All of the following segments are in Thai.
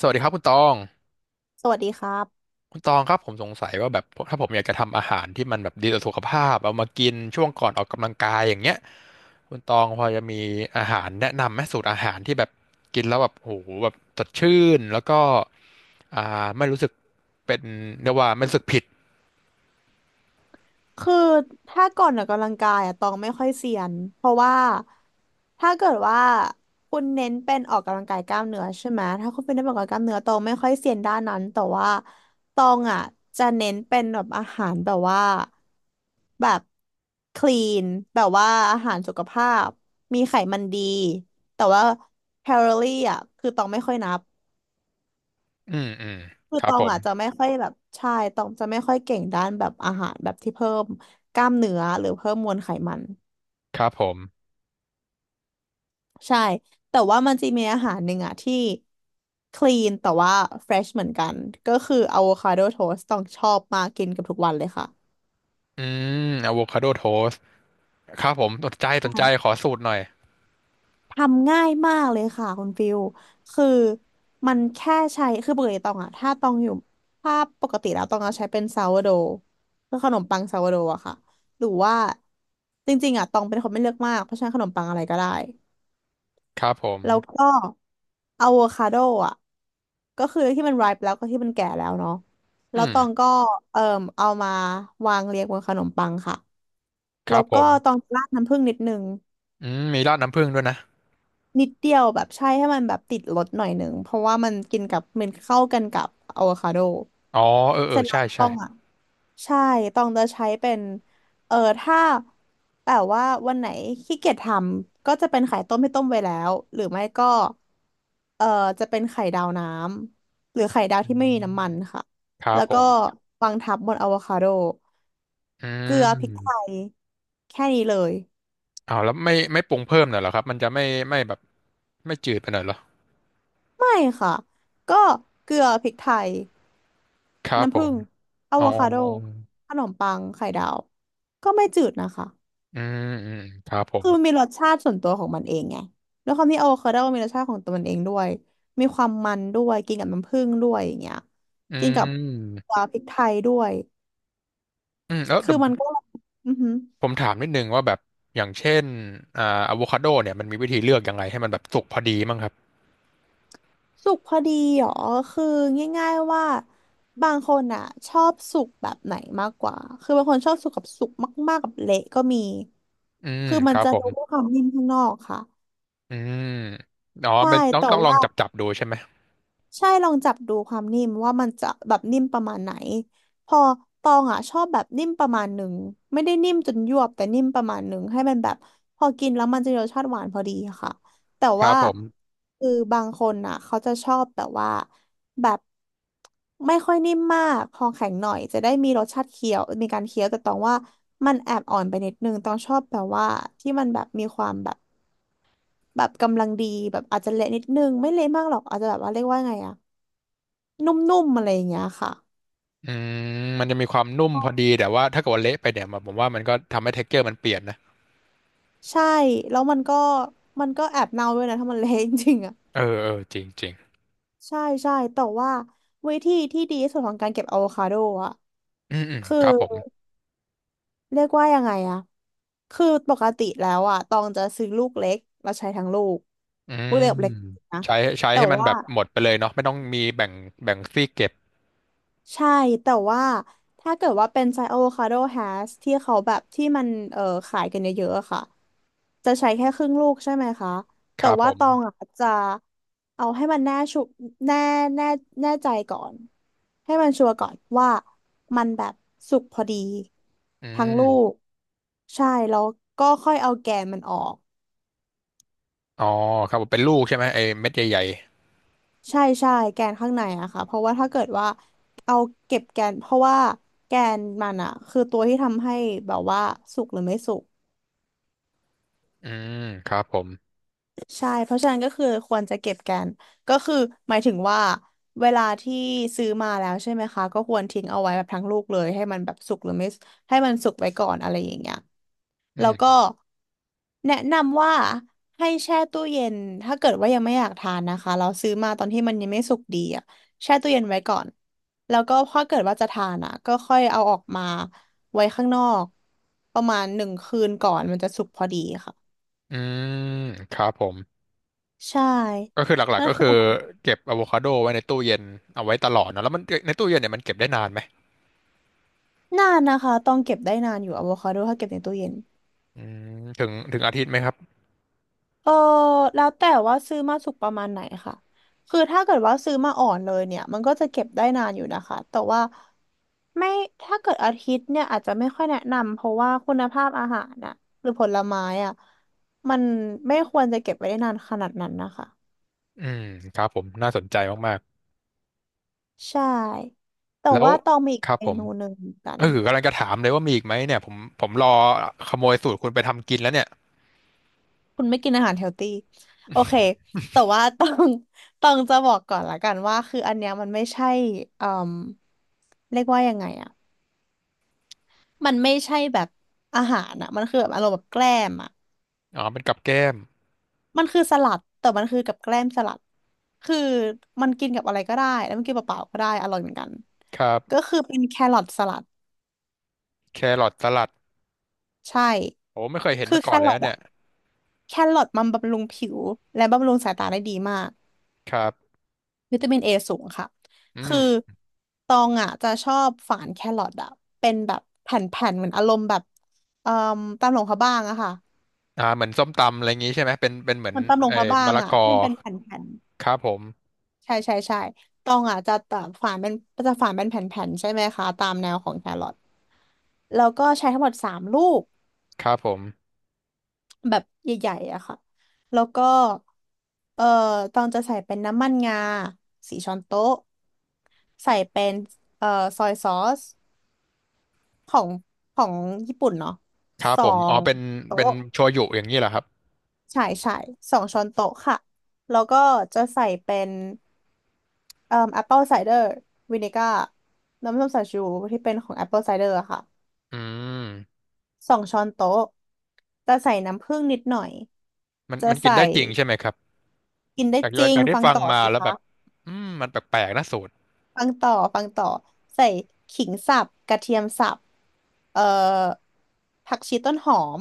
สวัสดีครับคุณตองสวัสดีครับ คุณตองครับผมสงสัยว่าแบบถ้าผมอยากจะทำอาหารที่มันแบบดีต่อสุขภาพเอามากินช่วงก่อนออกกำลังกายอย่างเงี้ยคุณตองพอจะมีอาหารแนะนำไหมสูตรอาหารที่แบบกินแล้วแบบโอ้โหแบบสดชื่นแล้วก็อ่าไม่รู้สึกเป็นเรียกว่าไม่รู้สึกผิดคือถ้าก่อนออกกำลังกายอะตองไม่ค่อยเซียนเพราะว่าถ้าเกิดว่าคุณเน้นเป็นออกกำลังกายกล้ามเนื้อใช่ไหมถ้าคุณเป็นนักออกกำลังกายกล้ามเนื้อตองไม่ค่อยเซียนด้านนั้นแต่ว่าตองอ่ะจะเน้นเป็นแบบอาหารแบบว่าแบบคลีนแบบว่าอาหารสุขภาพมีไขมันดีแต่ว่าแคลอรี่อ่ะคือตองไม่ค่อยนับ อืมอืมคือครัตบอผงมอ่ะจะไม่ค่อยแบบใช่ตองจะไม่ค่อยเก่งด้านแบบอาหารแบบที่เพิ่มกล้ามเนื้อหรือเพิ่มมวลไขมันครับผมใช่แต่ว่ามันจะมีอาหารหนึ่งอ่ะที่คลีนแต่ว่าเฟรชเหมือนกันก็คืออะโวคาโดโทสต์ต้องชอบมากกินกับทุกวันเลยค่ะอืมอะโวคาโดโทสครับผมสนใจใชสนใจขอ่ สูตรหน่อยทำง่ายมากเลยค่ะคุณฟิลคือมันแค่ใช้คือปกติตองอะถ้าตองอยู่ถ้าปกติแล้วตองเอาใช้เป็นซาวโดคือขนมปังซาวโดอะค่ะหรือว่าจริงๆอะตองเป็นคนไม่เลือกมากเพราะฉะนั้นขนมปังอะไรก็ได้ครับผมแล้วก็อะโวคาโดอะก็คือที่มัน ripe แล้วก็ที่มันแก่แล้วเนาะอืแล้วมตองก็เอ่อเอามาวางเรียงบนขนมปังค่ะคแล้รัวบผก็ตองมราดน้ำผึ้งนิดนึง อืมมีราดน้ำผึ้งด้วยนะนิดเดียวแบบใช่ให้มันแบบติดรสหน่อยหนึ่งเพราะว่ามันกินกับมันเข้ากันกับอะโวคาโดอ๋อเออเอเสอร็จแล้ใช่วใช่ ต้องอ่ะใช่ต้องจะใช้เป็นเออถ้าแบบว่าวันไหนขี้เกียจทำก็จะเป็นไข่ต้มให้ต้มไว้แล้วหรือไม่ก็เออจะเป็นไข่ดาวน้ำหรือไข่ดาวอืที่ไม่มีน้ำมันมค่ะครับแล้วผก็มวางทับบนอะโวคาโดอืเกลือพริกไทมยแค่นี้เลยอ้าวแล้วไม่ปรุงเพิ่มหน่อยเหรอครับมันจะไม่ไม่แบบไม่จืดไปหน่อยเหรอไม่ค่ะก็เกลือพริกไทย ครับผน้ำผึ้มงอะอ๋โวอคาโดขนมปังไข่ดาวก็ไม่จืดนะคะอืมอืมครับผมคือมันมีรสชาติส่วนตัวของมันเองไงด้วยความที่อะโวคาโดมีรสชาติของตัวมันเองด้วย มีความมันด้วยกินกับน้ำผึ้งด้วยอย่างเงี้ยอืกินกับมตัวพริกไทยด้วย อืมแล้วคืเดี๋อยวมันก็อือหือผมถามนิดนึงว่าแบบอย่างเช่นอ่าอะโวคาโดเนี่ยมันมีวิธีเลือกยังไงให้มันแบบสุกพอดีมั้งครับสุกพอดีเหรอคือง่ายๆว่าบางคนอ่ะชอบสุกแบบไหนมากกว่าคือบางคนชอบสุกกับสุกมากๆกับเละก็มี อืมคือคมันรับจะผดูมด้วยความนิ่มข้างนอกค่ะอืมอ๋อใช่เป็นต้องแต่ต้องลองว่า จับดูใช่ไหมใช่ลองจับดูความนิ่มว่ามันจะแบบนิ่มประมาณไหนพอตองอ่ะชอบแบบนิ่มประมาณหนึ่งไม่ได้นิ่มจนยวบแต่นิ่มประมาณหนึ่งให้มันแบบพอกินแล้วมันจะมีรสชาติหวานพอดีค่ะแต่ครัว่าบผมคือบางคนอ่ะเขาจะชอบแบบว่าแบบไม่ค่อยนิ่มมากพอแข็งหน่อยจะได้มีรสชาติเคี้ยวมีการเคี้ยวแต่ตองว่ามันแอบอ่อนไปนิดนึงตองชอบแบบว่าที่มันแบบมีความแบบแบบกำลังดีแบบอาจจะเละนิดนึงไม่เละมากหรอกอาจจะแบบว่าเรียกว่าไงอะ นุ่มๆอะไรอย่างเงี้ยค่ะอืมมันจะมีความนุ่มพอดีแต่ว่าถ้าเกิดว่าเละไปเนี่ยผมว่ามันก็ทำให้เท็กเจอร์มันเปลี่ยนนะ ใช่แล้วมันก็มันก็แอบเน่าด้วยนะถ้ามันเละ จริงๆอ่ะเออเออจริงจริงใช่ใช่แต่ว่าวิธีที่ดีที่สุดของการเก็บอะโวคาโดอ่ะอืมอืมคือครับผมเรียกว่ายังไงอ่ะคือปกติแล้วอ่ะตองจะซื้อลูกเล็กแล้วใช้ทั้งลูกอืลูกมเล็กกับเล็กนะใช้ใช้แต่ให้มันว่าแบบหมดไปเลยเนาะไม่ต้องมีแบ่งแบ่งซี่เก็บใช่แต่ว่าถ้าเกิดว่าเป็นไซส์อะโวคาโดแฮชที่เขาแบบที่มันขายกันเยอะๆอะค่ะ จะใช้แค่ครึ่งลูกใช่ไหมคะคแต่รับผว่ามตองอ่ะจะเอาให้มันแน่ชุแน่แน่แน่ใจก่อนให้มันชัวร์ก่อนว่ามันแบบสุกพอดีอืทั้งลูกมใช่แล้วก็ค่อยเอาแกนมันออกอ๋อครับผมเป็นลูกใช่ไหมไอ้เม็ดใหญ่ใช่ใช่แกนข้างในอะค่ะเพราะว่าถ้าเกิดว่าเอาเก็บแกนเพราะว่าแกนมันอะคือตัวที่ทำให้แบบว่าสุกหรือไม่สุก ๆอืมครับผมใช่เพราะฉะนั้นก็คือควรจะเก็บแกันก็คือหมายถึงว่าเวลาที่ซื้อมาแล้วใช่ไหมคะก็ควรทิ้งเอาไว้แบบทั้งลูกเลยให้มันแบบสุกหรือไม่ให้มันสุกไว้ก่อนอะไรอย่างเงี้ยอืแล้วก็มแนะนำว่าให้แช่ตู้เย็นถ้าเกิดว่ายังไม่อยากทานนะคะเราซื้อมาตอนที่มันยังไม่สุกดีอ่ะแช่ตู้เย็นไว้ก่อนแล้วก็พอเกิดว่าจะทานอ่ะก็ค่อยเอาออกมาไว้ข้างนอกประมาณหนึ่งคืนก่อนมันจะสุกพอดีค่ะอืมครับผมใช่ก็คือหลักนั่ๆนก็คือ คือเก็บอะโวคาโดไว้ในตู้เย็นเอาไว้ตลอดเนาะแล้วมันในตู้เย็นเนี่ยมันเก็บได้นานไหมนานนะคะต้องเก็บได้นานอยู่อะโวคาโดถ้าเก็บในตู้เย็นอืมถึงถึงอาทิตย์ไหมครับเออแล้วแต่ว่าซื้อมาสุกประมาณไหนค่ะคือถ้าเกิดว่าซื้อมาอ่อนเลยเนี่ยมันก็จะเก็บได้นานอยู่นะคะแต่ว่าไม่ถ้าเกิดอาทิตย์เนี่ยอาจจะไม่ค่อยแนะนำเพราะว่าคุณภาพอาหารน่ะหรือผลไม้อ่ะมันไม่ควรจะเก็บไว้ได้นานขนาดนั้นนะคะ อืมครับผมน่าสนใจ มากใช่ แต่ๆแล้วว่าต้องมีอีกครับเมผม นูหนึ่งเหมือนกัน เออกำลังจะถามเลยว่ามีอีกไหมเนี่ยผมรอขโมยสูตรคุณไปทำกินแล้วเนี่ยคุณไม่กินอาหารเฮลตี้โอเคแต่ว่าต้อง ต้องจะบอกก่อนละกันว่าคืออันเนี้ยมันไม่ใช่เอ่มเรียกว่ายังไงอะมันไม่ใช่แบบอาหารอะมันคือแบบอารมณ์แบบแกล้มอะอ๋อเป็นกับแก้มมันคือสลัดแต่มันคือกับแกล้มสลัดคือมันกินกับอะไรก็ได้แล้วมันกินเปล่าๆก็ได้อร่อยเหมือนกันครับก็คือเป็นแครอทสลัดแครอทสลัดใช่โอ้ไม่เคยเห็นคือมาแคก่อนเลยรอทนะเนี่อะยแครอทมันบำรุงผิวและบำรุงสายตาได้ดีมาก ครับวิตามินเอสูงค่ะ อืมคือตองอ่ะจะชอบฝานแครอทอ่ะเป็นแบบแผ่นๆเหมือนอารมณ์แบบเอ่อตำหลงพระบ้างอะค่ะอ่าเหมือนส้มตำอะไรอย่างงี้ใช่ไหมเป็นเป็นเหมือนมันตำหลงเอ่อพระบ้ามะงละกอ่ะอที่มันเป็นแผ่นครับผมๆใช่ใช่ใช่ตองอ่ะจะตัดฝานเป็นจะฝานเป็นแผ่นๆใช่ไหมคะตามแนวของแครอทแล้วก็ใช้ทั้งหมด3 ลูกครับผมแบบใหญ่ๆอะค่ะแล้วก็เอ่อตองจะใส่เป็นน้ำมันงา4 ช้อนโต๊ะใส่เป็นเอ่อซอยซอส ของของญี่ปุ่นเนาะครับสอผมอ๋องเป็นเป็นโต๊ะโชยุอย่างนี้เหรอครับใช่ใช่สองช้อนโต๊ะค่ะแล้วก็จะใส่เป็นแอปเปิลไซเดอร์วินิก้าน้ำส้มสายชูที่เป็นของแอปเปิลไซเดอร์ค่ะอืมสองช้อนโต๊ะจะใส่น้ำผึ้งนิดหน่อยมันจะมันกินใส่ได้จริงใช่ไหมครับกินได้จากจริงจากที่ฟังฟังต่อมาสิแล้วแบบคะอืมมันแปลกๆนะสูตรฟังต่อฟังต่อใส่ขิงสับกระเทียมสับเอ่อผักชีต้นหอม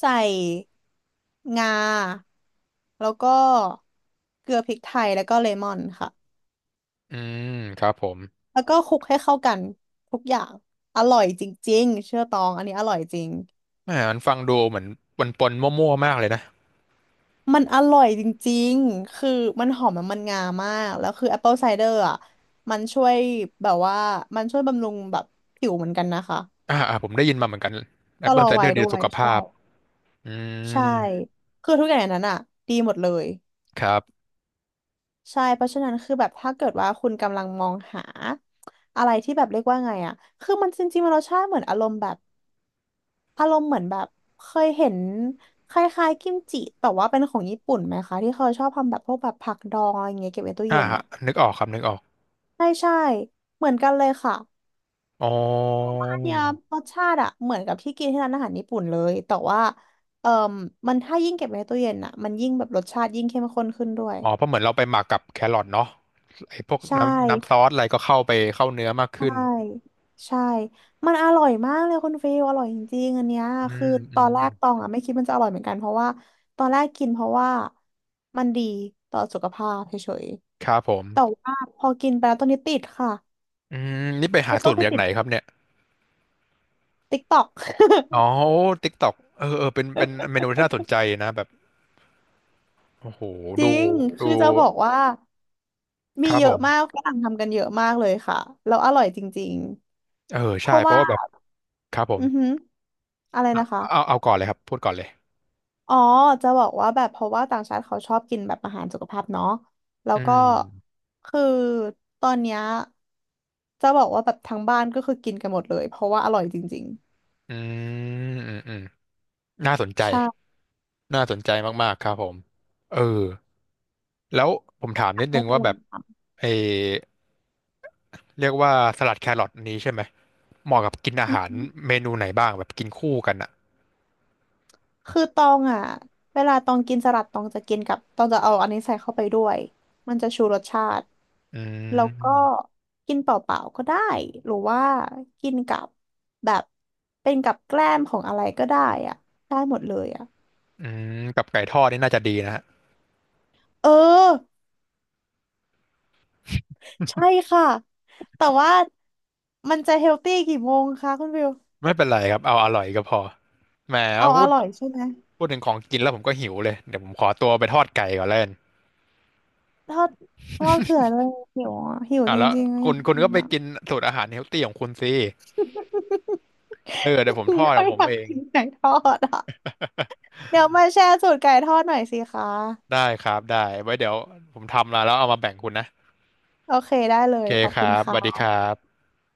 ใส่งาแล้วก็เกลือพริกไทยแล้วก็เลมอนค่ะอืมครับผมแล้วก็คลุกให้เข้ากันทุกอย่างอร่อยจริงๆเชื่อตองอันนี้อร่อยจริงแหมมันฟังดูเหมือนปนๆมั่วๆมากเลยนะ มันอร่อยจริงๆคือมันหอมมันงามากแล้วคือแอปเปิลไซเดอร์อ่ะมันช่วยแบบว่ามันช่วยบำรุงแบบผิวเหมือนกันนะคะอ่าอ่าผมได้ยินมาเหมือนกันแอปชะเปิลลอไซเดอวัยร์ดีต่ด้อวสุยขภาใช่พอืมใช่คือทุกอย่างในนั้นอ่ะดีหมดเลย ครับใช่เพราะฉะนั้นคือแบบถ้าเกิดว่าคุณกำลังมองหาอะไรที่แบบเรียกว่าไงอะคือมันจริงๆมันรสชาติเหมือนอารมณ์แบบอารมณ์เหมือนแบบเคยเห็นคล้ายๆกิมจิแต่ว่าเป็นของญี่ปุ่นไหมคะที่เขาชอบทำแบบพวกแบบผักดองอะไรอย่างเงี้ยเก็บไว้ตู้อ่าเย็นฮะอะนึกออกครับนึกออกใช่ใช่เหมือนกันเลยค่ะอ๋ออันเนี้ยรสชาติอะเหมือนกับที่กินที่ร้านอาหารญี่ปุ่นเลยแต่ว่าเอ่อมมันถ้ายิ่งเก็บไว้ในตู้เย็นอะมันยิ่งแบบรสชาติยิ่งเข้มข้นขึ้นด้วยอ๋อเพราะเหมือนเราไปหมักกับแครอทเนาะไอ้พวกใช่ น้ำซอสอะไรก็เข้าไปเข้าเนื้อมากขึ้ใช่นใช่มันอร่อยมากเลยคุณฟิลอร่อยจริงๆอันเนี้ยอืคือมตอือนมแรกตองอ่ะไม่คิดมันจะอร่อยเหมือนกันเพราะว่าตอนแรกกินเพราะว่ามันดีต่อสุขภาพเฉยครับผๆแต่มว่าพอกินไปแล้วตอนนี้ติดค่ะอืมนี่ไปหาคือต้สูอตงรไปมาจากติไหดนครับเนี่ยติ๊กต็อก อ๋อติ๊กต็อกเออเออเป็นเป็นเมนูที่น่าสนใจนะแบบโอ้โห จริดูงคืดูอจะบอกว่าคมีรับเยผอะมากมฝรั่งทำกันเยอะมากเลยค่ะแล้วอร่อยจริงเออๆเพใช่ราะเพว่าราะว่าแบบครับผมอือหืออะไรนะคะ เอาเอาก่อนเลยครับพูดก่อนเลยอ๋อจะบอกว่าแบบเพราะว่าต่างชาติเขาชอบกินแบบอาหารสุขภาพเนาะแล้อืวก็มคือตอนเนี้ยจะบอกว่าแบบทั้งบ้านก็คือกินกันหมดเลยเพราะว่าอร่อยจริงอืมอืมอืม น่าสนใจ ๆใช่น่าสนใจมากๆ ครับผมเออแล้วผมถามอยานิกดนึให้งไปว่าลอแบงบทเออเรียกว่าสลัดแครอทอันนี้ใช่ไหมเหมาะกับกินำอาอือหารหือเมนูไหนบ้างแบบกินคู่กันอ่ะคือตองอ่ะเวลาตองกินสลัดตองจะกินกับตองจะเอาอันนี้ใส่เข้าไปด้วยมันจะชูรสชาติอืแล้วก็มกินเปล่าๆก็ได้หรือว่ากินกับแบบเป็นกับแกล้มของอะไรก็ได้อ่ะได้หมดเลยอ่ะอืมกับไก่ทอดนี่น่าจะดีนะฮะเออ ใช่ค่ะแต่ว่ามันจะเฮลตี้กี่โมงคะคุณวิวไม่เป็นไรครับเอาอร่อยก็พอแหมเอาพูอด ร่อยใช่ไหมพูดถึงของกินแล้วผมก็หิวเลย เดี๋ยวผมขอตัวไปทอดไก่ก่อนแล้วกันทอดทอดเผื่อเลยหิวอะหิวอ่ะจแล้วริงๆอะอคุยาณกคุณกินก็ไปอ่ะ กินสูตรอาหารเฮลตี้ของคุณสิเออเดี๋ยวผมทอ ดขก็องผอมยากเอง กินไก่ทอดอ่ะเดี๋ยวมาแชร์สูตรไก่ทอดหน่อยสิคะได้ครับได้ไว้เดี๋ยวผมทำมาแล้วเอามาแบ่งคุณนะโอเคได้เลโอยเคขอบคคุณรับสวัสดีค่ะครับ